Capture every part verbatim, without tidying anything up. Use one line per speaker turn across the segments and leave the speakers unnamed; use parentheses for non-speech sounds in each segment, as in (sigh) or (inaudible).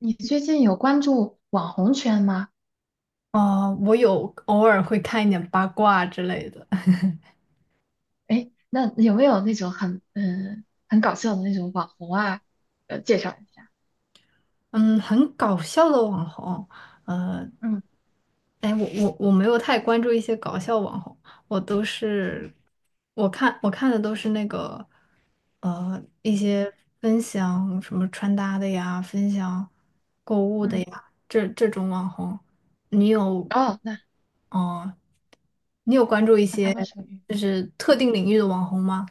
你最近有关注网红圈吗？
哦，我有偶尔会看一点八卦之类的，
哎，那有没有那种很嗯很搞笑的那种网红啊？呃，介绍一下。
嗯，很搞笑的网红。
嗯
哎，我我我没有太关注一些搞笑网红，我都是我看我看的都是那个呃一
嗯
些分享什么穿搭的呀，分享购物的
嗯。
呀，这这种网红，你有
哦，那
哦，你有关注一
那他
些
们属于。
是特
嗯
定领域的网红吗？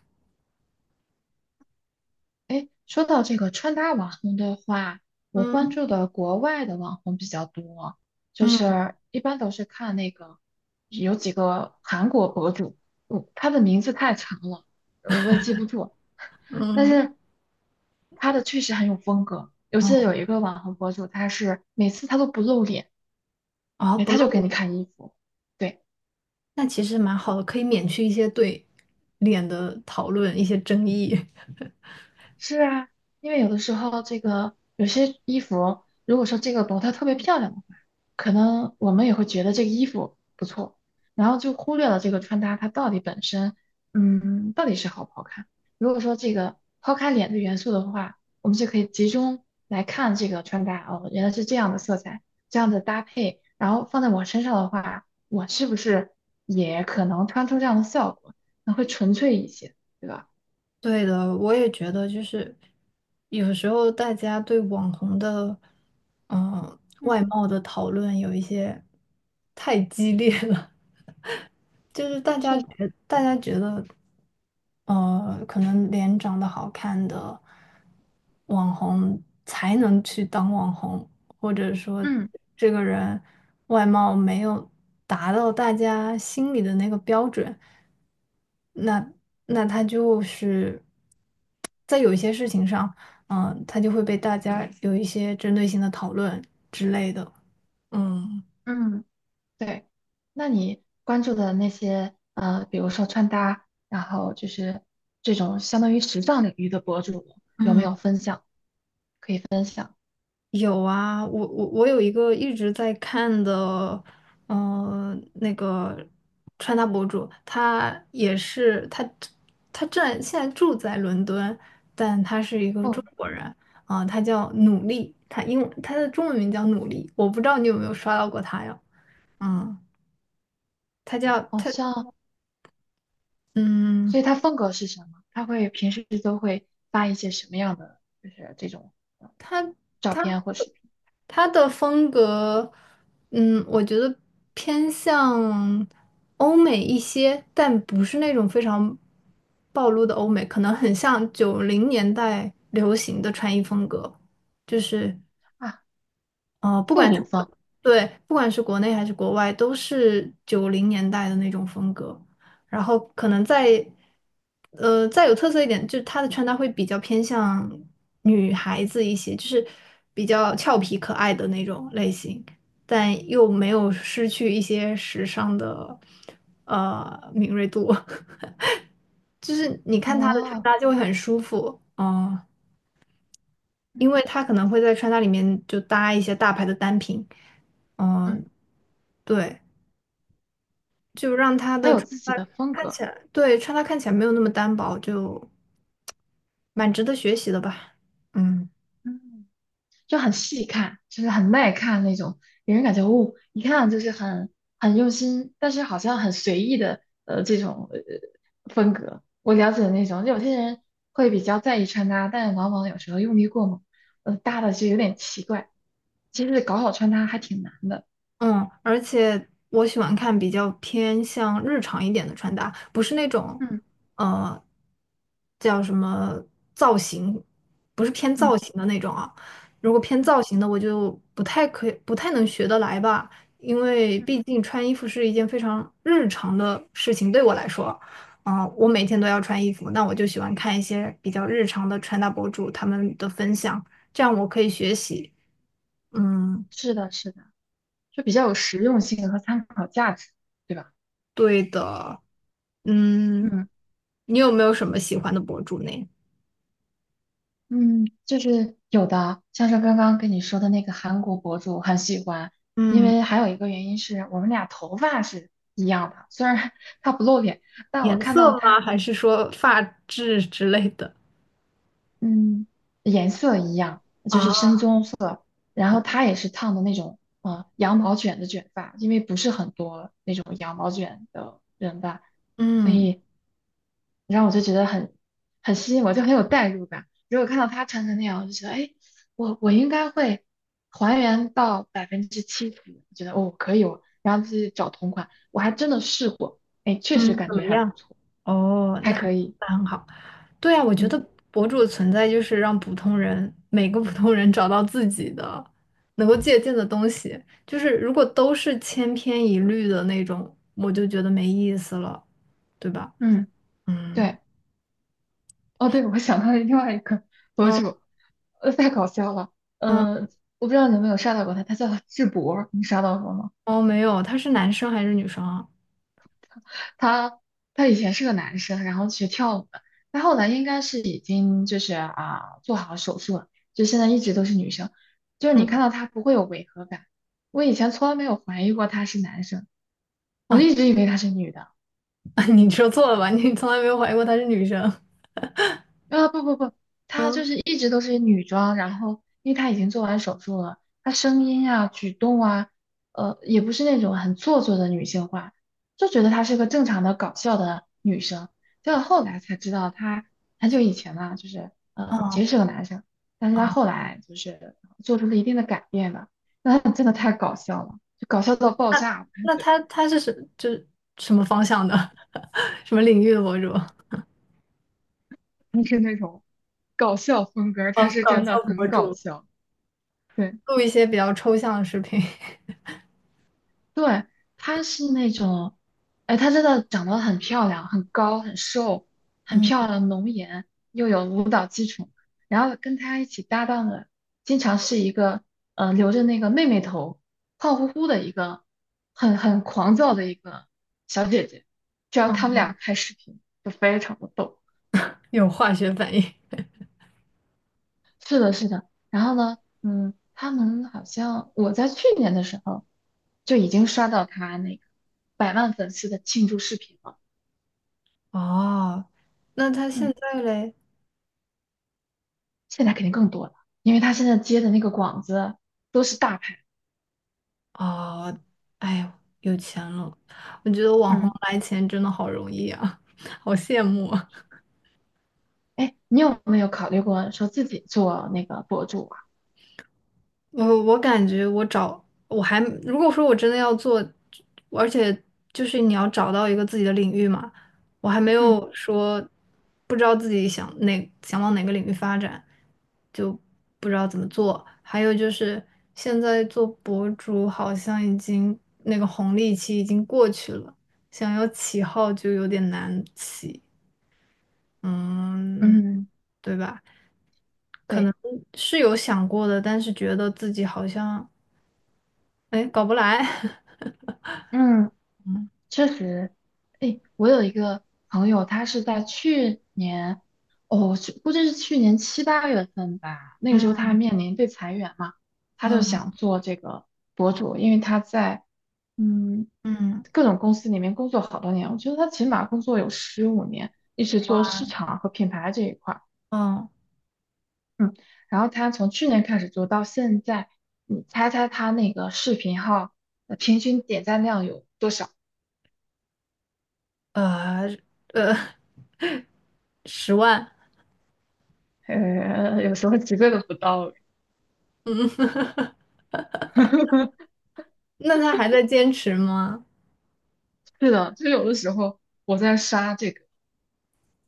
哎，说到这个穿搭网红的话，我关
嗯
注的国外的网红比较多，就
嗯
是一般都是看那个有几个韩国博主。嗯，他的名字太长了，呃我也记不住。但
嗯，
是他的确实很有风格。我
哦
记得有一个网红博主，他是每次他都不露脸，
哦，
哎，
不
他就给你
露。
看衣服，对。
那其实蛮好的，可以免去一些对脸的讨论，一些争议。(laughs)
是啊，因为有的时候这个有些衣服，如果说这个模特特别漂亮的话，可能我们也会觉得这个衣服不错，然后就忽略了这个穿搭它到底本身，嗯，到底是好不好看。如果说这个抛开脸的元素的话，我们就可以集中来看这个穿搭，哦，原来是这样的色彩，这样的搭配，然后放在我身上的话，我是不是也可能穿出这样的效果？那会纯粹一些，对吧？
对的，我也觉得就是有时候大家对网红的嗯、呃
嗯，
外貌的讨论有一些太激烈了。就是大家
是的。
觉大家觉得，呃，可能脸长得好看的网红才能去当网红，或者说
嗯。
这个人外貌没有达到大家心里的那个标准，那那他就是在有一些事情上，嗯、他就会被大家有一些针对性的讨论之类的，嗯。
嗯，对。那你关注的那些呃，比如说穿搭，然后就是这种相当于时尚领域的博主，有没有分享？
有啊，我我我有一个一直在看的，嗯，那个穿搭博主，他也是他他正现在住在伦敦，但他是一个中
哦，
国人啊，他叫努力，他英文他的中文名叫努力，我不知道你有没有刷到过他呀？嗯，他叫
好
他
像，
嗯。
所以他风格是什么？他会平时都会发一些什么样的，就是这种
他
照
他
片或视频
他的风格，嗯，我觉得偏向欧美一些，但不是那种非常暴露的欧美，可能很像九零年代流行的穿衣风格，就是
啊？
呃，不
复
管是
古
国
风。
对，不管是国内还是国外，都是九零年代的那种风格。然后可能再呃再有特色一点，就是她的穿搭会比较偏向女孩子一些，就是比较俏皮可爱的那种类型，但又没有失去一些时尚的呃敏锐度。(laughs) 就是你看她的穿
哦，
搭就会很舒服，嗯、
嗯
因为她可能会在穿搭里面就搭一些大牌的单品。嗯，
嗯，
对，就让他
他
的
有
穿
自己
搭
的风
看
格。
起来，对，穿搭看起来没有那么单薄，就蛮值得学习的吧。嗯。
嗯。就很细看，就是很耐看那种，给人感觉哦，一看就是很很用心，但是好像很随意的呃这种呃风格。我了解的那种，有些人会比较在意穿搭，但是往往有时候用力过猛，呃，搭的就有点奇怪。其实搞好穿搭还挺难的。
嗯，而且我喜欢看比较偏向日常一点的穿搭，不是那种，
嗯
呃，叫什么造型，不是偏造
嗯
型的那种啊。如果偏
嗯
造型的，我就不太可以，不太能学得来吧，因为
嗯，
毕竟穿衣服是一件非常日常的事情，对我来说，啊、我每天都要穿衣服，那我就喜欢看一些比较日常的穿搭博主他们的分享，这样我可以学习。嗯。
是的，是的，就比较有实用性和参考价值，对吧？
对的，嗯，
嗯。
你有没有什么喜欢的博主呢？
嗯，就是有的，像是刚刚跟你说的那个韩国博主，我很喜欢，因
嗯
为还有一个原因是我们俩头发是一样的，虽然 (laughs) 他不露脸，但我
颜
看
色
到
吗？
他。
还是说发质之类的？
嗯，颜色一样，就
啊，
是深棕色，然后她也是烫的那种，呃，羊毛卷的卷发，因为不是很多那种羊毛卷的人吧，所
嗯
以然后我就觉得很很吸引我，就很有代入感。如果看到她穿成那样，我就觉得，哎，我我应该会还原到百分之七十，我觉得哦可以哦，然后自己找同款，我还真的试过，哎，确实
嗯，
感
怎么
觉还不
样？
错，
哦，
还
那
可以。
那很好。对啊，我觉得
嗯
博主的存在就是让普通人，每个普通人找到自己的能够借鉴的东西。就是如果都是千篇一律的那种，我就觉得没意思了，对吧？
嗯，
嗯
对。哦，对，我想到了另外一个博
嗯
主，呃，太搞笑了。
嗯，
嗯、我不知道你有没有刷到过他，他叫智博，你刷到过吗？
哦，没有，他是男生还是女生啊？
他他以前是个男生，然后学跳舞的，他后来应该是已经就是啊做好手术了，就现在一直都是女生。就是你看
嗯。
到他不会有违和感。我以前从来没有怀疑过他是男生，我
啊，
一直以为他是女的。
(laughs) 你说错了吧？你从来没有怀疑过她是女生。
啊，不不不，她就
嗯，
是一直都是女装，然后因为她已经做完手术了，她声音啊、举动啊，呃，也不是那种很做作的女性化，就觉得她是个正常的搞笑的女生。结果后来才知道，她很久以前呢，就是呃，其
哦
实是个男生，但是她
哦，
后来就是做出了一定的改变吧。那她真的太搞笑了，就搞笑到爆炸，而
那
且
她她是什就是什么方向的，(laughs) 什么领域的博主？
不是那种搞笑风格，她
哦，
是
搞
真
笑
的
博
很搞
主，
笑。对。
录一些比较抽象的视频，
对，她是那种，哎，她真的长得很漂亮，很高，很瘦，很
嗯，
漂亮，浓颜，又有舞蹈风，然后跟她一起搭档的，经常是一个，呃，留着那个妹妹头，胖乎乎的一个，很很狂躁的一个小姐姐。只要他们俩开视频，就非常的逗。
(laughs) 有化学反应。
是的，是的。然后呢，嗯，他们好像我在去年的时候就已经刷到他那个百万粉丝的庆祝视频了。
哦，那他现
嗯，
在嘞？
现在肯定更多了，因为他现在接的那个广子都是大牌。
哦，哎呦，有钱了。我觉得网红
嗯，
来钱真的好容易啊，好羡慕啊。
哎，你有没有考虑过说自己做那个博主啊？
我我感觉我找我还如果说我真的要做，而且就是你要找到一个自己的领域嘛，我还没
嗯
有说不知道自己想哪想往哪个领域发展，就不知道怎么做。还有就是现在做博主好像已经那个红利期已经过去了，想要起号就有点难起，嗯，
嗯，
对吧？可
对。
能是有想过的，但是觉得自己好像。哎，搞不来，(laughs)
嗯。确实，哎，我有一个朋友，他是在去年，哦，去估计是去年七八月份吧，那个时候
嗯
他面临被裁员嘛，他就想
嗯
做这个博主，因为他在。嗯
嗯
各种公司里面工作好多年，我觉得他起码工作有十五年，一直做市场和品牌这一块儿，
哦，
嗯，然后他从去年开始做到现在，你猜猜他那个视频号呃平均点赞量有？多少？
呃呃，十万，
呃，有时候几个都不到。
嗯，(laughs)
(laughs)
那他还在坚持吗？
是的，就有的时候我在刷这个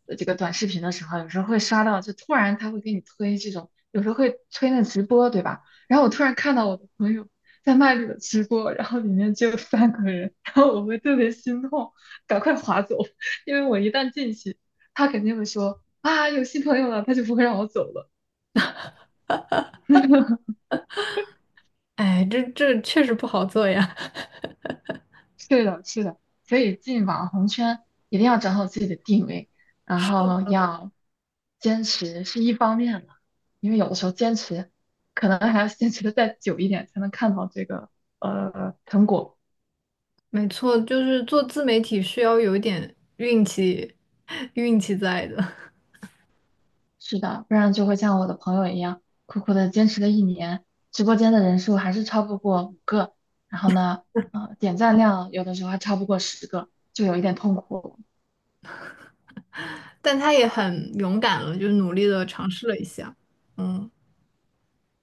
呃这个短视频的时候，有时候会刷到，就突然他会给你推这种，有时候会推那直播，对吧？然后我突然看到我的朋友在卖这个直播，然后里面只有三个人，然后我会特别心痛，赶快划走，因为我一旦进去，他肯定会说啊有新朋友了，他就不会让我走了。(laughs)
哎，这这确实不好做呀。(laughs)
是的，是的，所以进网红圈一定要找好自己的定位，然后要坚持是一方面的，因为有的时候坚持可能还要坚持的再久一点才能看到这个呃成果。
没错，就是做自媒体需要有一点运气，(laughs) 运气在的，
是的，不然就会像我的朋友一样，苦苦的坚持了一年，直播间的人数还是超不过五个，然后呢，呃，点赞量有的时候还超不过十个，就有一点痛苦。
(laughs) 但他也很勇敢了，就努力的尝试了一下。嗯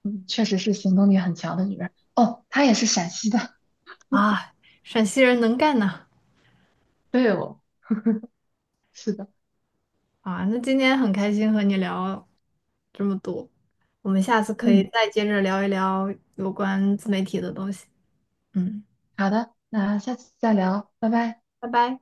嗯，确实是行动力很强的女人。哦，她也是陕西的，
啊，陕西人能干呐。
对哦。是的。
啊，那今天很开心和你聊这么多，我们下次可以
嗯，
再接着聊一聊有关自媒体的东西。嗯，
好的，那下次再聊，拜拜。
拜拜。